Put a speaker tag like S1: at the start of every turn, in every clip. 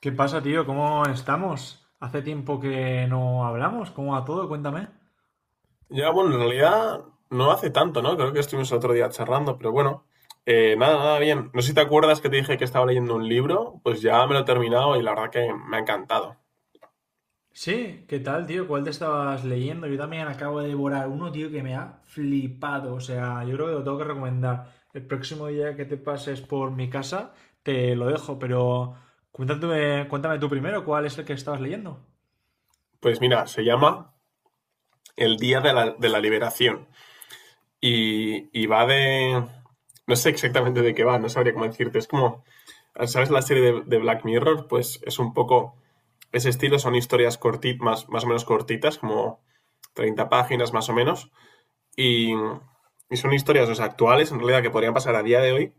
S1: ¿Qué pasa, tío? ¿Cómo estamos? Hace tiempo que no hablamos. ¿Cómo va todo? Cuéntame.
S2: Ya, bueno, en realidad no hace tanto, ¿no? Creo que estuvimos el otro día charlando, pero bueno, nada, bien. No sé si te acuerdas que te dije que estaba leyendo un libro, pues ya me lo he terminado y la verdad que me ha encantado.
S1: Sí, ¿qué tal, tío? ¿Cuál te estabas leyendo? Yo también acabo de devorar uno, tío, que me ha flipado. O sea, yo creo que lo tengo que recomendar. El próximo día que te pases por mi casa, te lo dejo, pero cuéntame, cuéntame tú primero cuál es el que estabas leyendo.
S2: Pues mira, se llama El Día de la Liberación y va de... No sé exactamente de qué va, no sabría cómo decirte. Es como, ¿sabes la serie de Black Mirror? Pues es un poco ese estilo, son historias cortitas, más o menos cortitas, como 30 páginas más o menos. Y, y son historias, o sea, actuales, en realidad, que podrían pasar a día de hoy,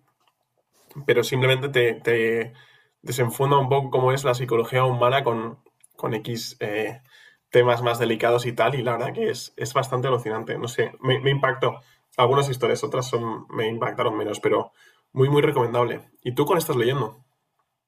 S2: pero simplemente te desenfunda un poco cómo es la psicología humana con X, temas más delicados y tal, y la verdad que es bastante alucinante. No sé, me impactó. Algunas historias, otras son, me impactaron menos, pero muy recomendable. ¿Y tú cuál estás leyendo?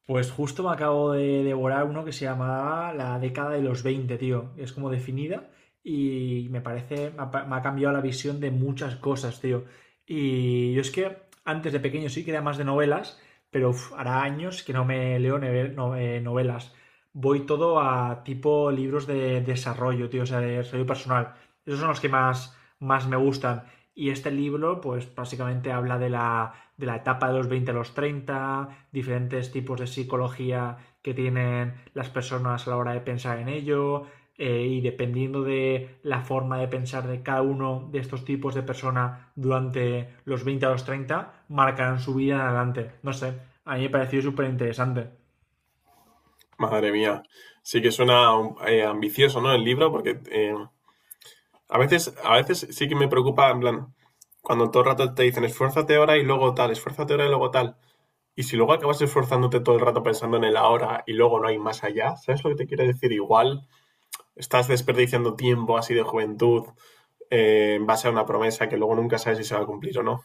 S1: Pues justo me acabo de devorar uno que se llama La Década de los 20, tío. Es como definida y me parece, me ha, me ha cambiado la visión de muchas cosas, tío. Y yo es que antes de pequeño sí que era más de novelas, pero uf, hará años que no me leo novelas. Voy todo a tipo libros de desarrollo, tío, o sea, de desarrollo personal. Esos son los que más, más me gustan. Y este libro, pues básicamente habla de la etapa de los 20 a los treinta, diferentes tipos de psicología que tienen las personas a la hora de pensar en ello, y dependiendo de la forma de pensar de cada uno de estos tipos de persona durante los 20 a los 30 marcarán su vida en adelante. No sé, a mí me pareció súper interesante.
S2: Madre mía, sí que suena ambicioso, ¿no? El libro, porque a veces sí que me preocupa, en plan, cuando todo el rato te dicen esfuérzate ahora y luego tal, esfuérzate ahora y luego tal. Y si luego acabas esforzándote todo el rato pensando en el ahora y luego no hay más allá, ¿sabes lo que te quiero decir? Igual estás desperdiciando tiempo así de juventud, en base a una promesa que luego nunca sabes si se va a cumplir o no.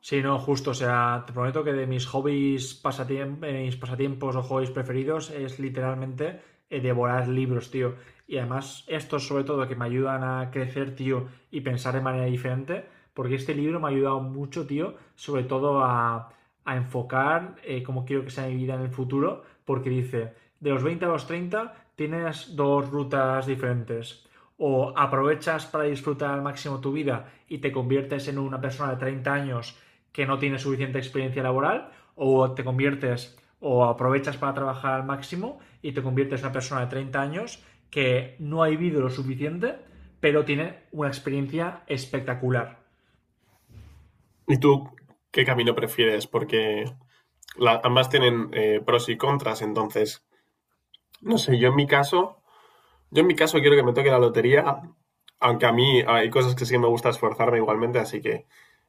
S1: Sí, no, justo. O sea, te prometo que de mis hobbies, mis pasatiempos o hobbies preferidos es literalmente devorar libros, tío. Y además, estos sobre todo que me ayudan a crecer, tío, y pensar de manera diferente, porque este libro me ha ayudado mucho, tío, sobre todo a enfocar cómo quiero que sea mi vida en el futuro, porque dice, de los 20 a los 30 tienes dos rutas diferentes. O aprovechas para disfrutar al máximo tu vida y te conviertes en una persona de 30 años que no tiene suficiente experiencia laboral, o te conviertes o aprovechas para trabajar al máximo y te conviertes en una persona de 30 años que no ha vivido lo suficiente, pero tiene una experiencia espectacular.
S2: ¿Y tú qué camino prefieres? Porque ambas tienen, pros y contras, entonces, no sé, yo en mi caso quiero que me toque la lotería, aunque a mí hay cosas que sí que me gusta esforzarme igualmente, así que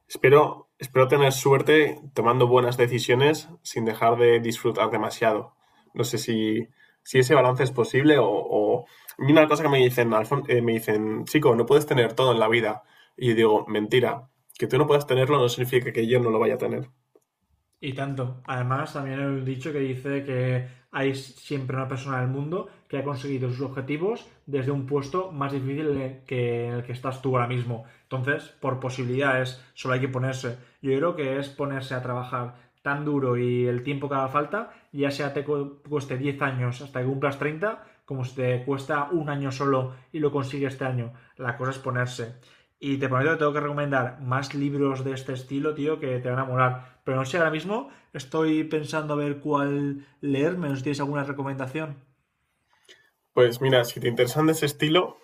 S2: espero tener suerte tomando buenas decisiones sin dejar de disfrutar demasiado. No sé si ese balance es posible o... A mí una cosa que me dicen, me dicen, chico, no puedes tener todo en la vida. Y yo digo, mentira, que tú no puedas tenerlo no significa que yo no lo vaya a tener.
S1: Y tanto. Además, también hay un dicho que dice que hay siempre una persona del mundo que ha conseguido sus objetivos desde un puesto más difícil que en el que estás tú ahora mismo. Entonces, por posibilidades, solo hay que ponerse. Yo creo que es ponerse a trabajar tan duro y el tiempo que haga falta, ya sea te cueste 10 años hasta que cumplas 30, como si te cuesta un año solo y lo consigues este año. La cosa es ponerse. Y te prometo que tengo que recomendar más libros de este estilo, tío, que te van a molar. Pero no sé, ahora mismo estoy pensando a ver cuál leerme. No sé si tienes alguna recomendación.
S2: Pues mira, si te interesan de ese estilo,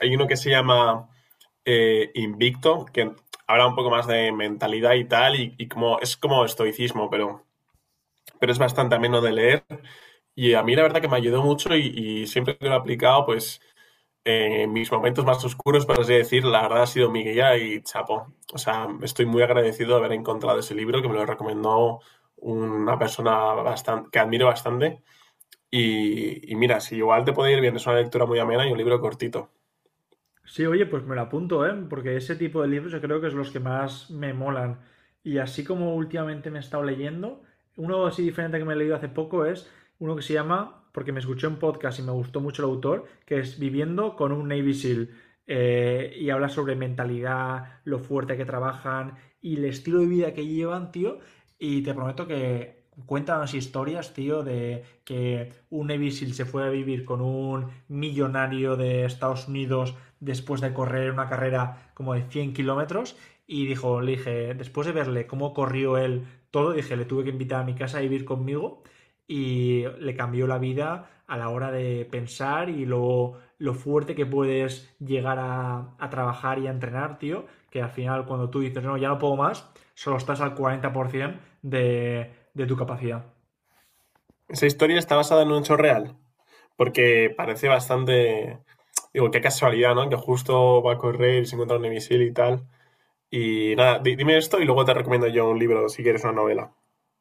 S2: hay uno que se llama, Invicto, que habla un poco más de mentalidad y tal, y como es como estoicismo, pero es bastante ameno de leer. Y a mí la verdad que me ayudó mucho y siempre que lo he aplicado, pues, mis momentos más oscuros, por así decir, la verdad ha sido mi guía y chapo. O sea, estoy muy agradecido de haber encontrado ese libro que me lo recomendó una persona bastante, que admiro bastante. Y mira, si igual te puede ir bien, es una lectura muy amena y un libro cortito.
S1: Sí, oye, pues me lo apunto, ¿eh? Porque ese tipo de libros yo creo que es los que más me molan. Y así como últimamente me he estado leyendo, uno así diferente que me he leído hace poco es uno que se llama, porque me escuché un podcast y me gustó mucho el autor, que es Viviendo con un Navy SEAL. Y habla sobre mentalidad, lo fuerte que trabajan y el estilo de vida que llevan, tío. Y te prometo que cuentan las historias, tío, de que un Navy SEAL se fue a vivir con un millonario de Estados Unidos después de correr una carrera como de 100 kilómetros y dijo, le dije, después de verle cómo corrió él todo, dije, le tuve que invitar a mi casa a vivir conmigo y le cambió la vida a la hora de pensar y lo fuerte que puedes llegar a trabajar y a entrenar, tío, que al final cuando tú dices, no, ya no puedo más, solo estás al 40% de tu capacidad.
S2: Esa historia está basada en un hecho real, porque parece bastante. Digo, qué casualidad, ¿no? Que justo va a correr y se encuentra un misil y tal. Y nada, dime esto y luego te recomiendo yo un libro si quieres una novela.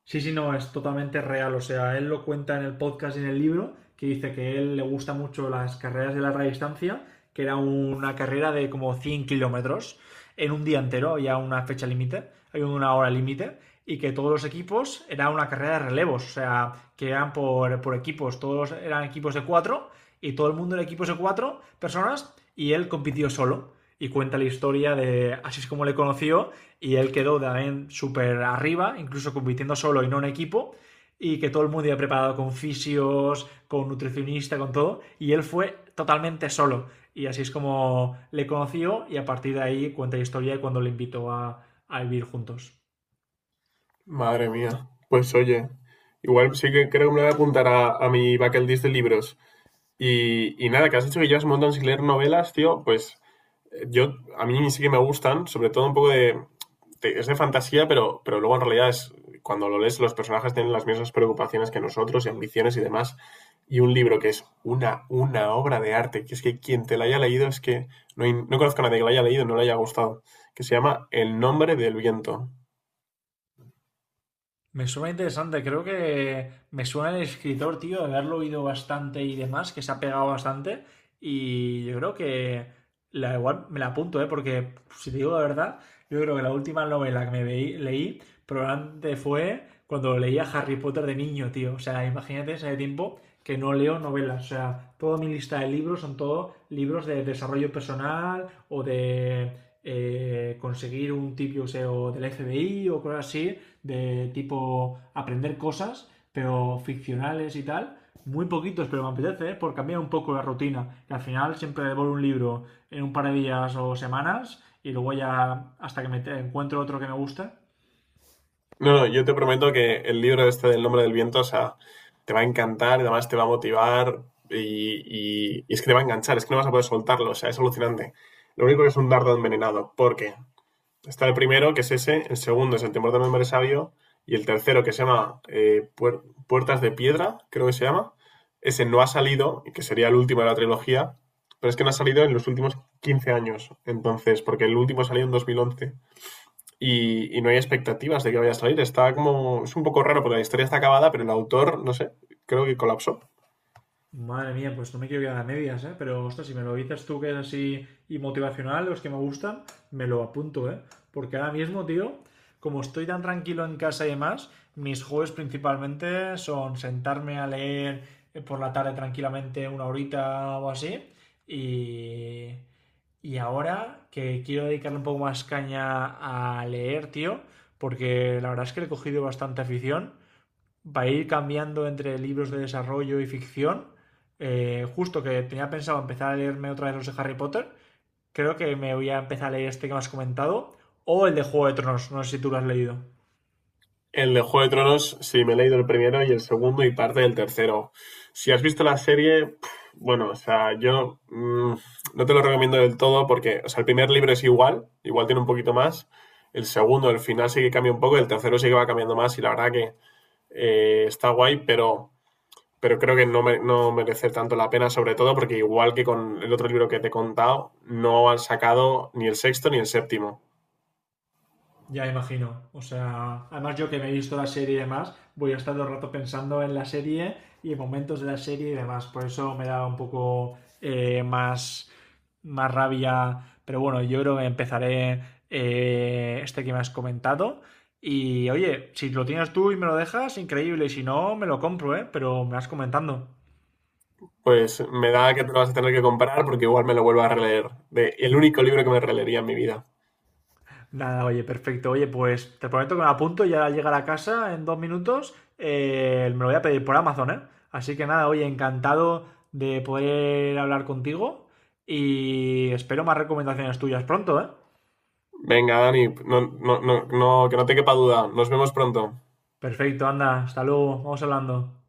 S1: Sí, sí, no, es totalmente real. O sea, él lo cuenta en el podcast y en el libro, que dice que a él le gusta mucho las carreras de larga distancia, que era una carrera de como 100 kilómetros en un día entero, había una fecha límite, había una hora límite, y que todos los equipos era una carrera de relevos, o sea, que eran por equipos, todos eran equipos de cuatro, y todo el mundo era equipos de cuatro personas, y él compitió solo. Y cuenta la historia de así es como le conoció y él quedó también súper arriba, incluso compitiendo solo y no en equipo, y que todo el mundo iba preparado con fisios, con nutricionista, con todo, y él fue totalmente solo. Y así es como le conoció y a partir de ahí cuenta la historia de cuando le invitó a vivir juntos.
S2: Madre mía. Pues oye, igual sí que creo que me voy a apuntar a mi bucket list de libros. Y nada, que has dicho que llevas un montón sin leer novelas, tío, pues, a mí sí que me gustan, sobre todo un poco de, es de fantasía, pero luego en realidad es, cuando lo lees, los personajes tienen las mismas preocupaciones que nosotros y ambiciones y demás. Y un libro que es una obra de arte, que es que quien te la haya leído es que no, no conozco a nadie que la haya leído y no le haya gustado, que se llama El nombre del viento.
S1: Me suena interesante, creo que me suena el escritor, tío, de haberlo oído bastante y demás, que se ha pegado bastante. Y yo creo que la igual me la apunto, ¿eh? Porque si te digo la verdad, yo creo que la última novela que me leí probablemente fue cuando leía Harry Potter de niño, tío. O sea, imagínate ese tiempo que no leo novelas. O sea, toda mi lista de libros son todos libros de desarrollo personal o de conseguir un tip, yo sé, o del FBI o cosas así de tipo aprender cosas, pero ficcionales y tal. Muy poquitos, pero me apetece, ¿eh?, por cambiar un poco la rutina. Que al final siempre devoro un libro en un par de días o semanas y luego ya hasta que me encuentro otro que me gusta.
S2: No, no, yo te prometo que el libro este del nombre del viento, o sea, te va a encantar, y además te va a motivar y, y es que te va a enganchar, es que no vas a poder soltarlo, o sea, es alucinante. Lo único que es un dardo envenenado, porque está el primero, que es ese, el segundo es El temor del hombre sabio, y el tercero, que se llama, Puertas de Piedra, creo que se llama, ese no ha salido, y que sería el último de la trilogía, pero es que no ha salido en los últimos 15 años, entonces, porque el último salió en 2011 y no hay expectativas de que vaya a salir. Está como... Es un poco raro porque la historia está acabada, pero el autor, no sé, creo que colapsó.
S1: Madre mía, pues no me quiero quedar a medias, ¿eh? Pero, ostras, si me lo dices tú que es así y motivacional, los que me gustan, me lo apunto, ¿eh? Porque ahora mismo, tío, como estoy tan tranquilo en casa y demás, mis hobbies principalmente son sentarme a leer por la tarde tranquilamente una horita o así. Y, y ahora que quiero dedicarle un poco más caña a leer, tío, porque la verdad es que le he cogido bastante afición, va a ir cambiando entre libros de desarrollo y ficción. Justo que tenía pensado empezar a leerme otra vez los de Harry Potter, creo que me voy a empezar a leer este que me has comentado, o el de Juego de Tronos, no sé si tú lo has leído.
S2: El de Juego de Tronos, sí, me he leído el primero y el segundo y parte del tercero. Si has visto la serie, bueno, o sea, no te lo recomiendo del todo porque, o sea, el primer libro es igual tiene un poquito más. El segundo, el final sí que cambia un poco, el tercero sí que va cambiando más y la verdad que, está guay, pero creo que no, no merece tanto la pena, sobre todo porque igual que con el otro libro que te he contado, no han sacado ni el sexto ni el séptimo.
S1: Ya imagino. O sea, además yo que me he visto la serie y demás, voy a estar todo el rato pensando en la serie y en momentos de la serie y demás. Por eso me da un poco más rabia. Pero bueno, yo creo que empezaré este que me has comentado. Y oye, si lo tienes tú y me lo dejas, increíble. Y si no, me lo compro, ¿eh? Pero me vas comentando.
S2: Pues me da que te lo vas a tener que comprar porque igual me lo vuelvo a releer. De, el único libro que me releería en mi vida.
S1: Nada, oye, perfecto. Oye, pues te prometo que me lo apunto y al llegar a casa en 2 minutos me lo voy a pedir por Amazon, ¿eh? Así que nada, oye, encantado de poder hablar contigo y espero más recomendaciones tuyas pronto, ¿eh?
S2: Venga, Dani, no, que no te quepa duda. Nos vemos pronto.
S1: Perfecto, anda, hasta luego, vamos hablando.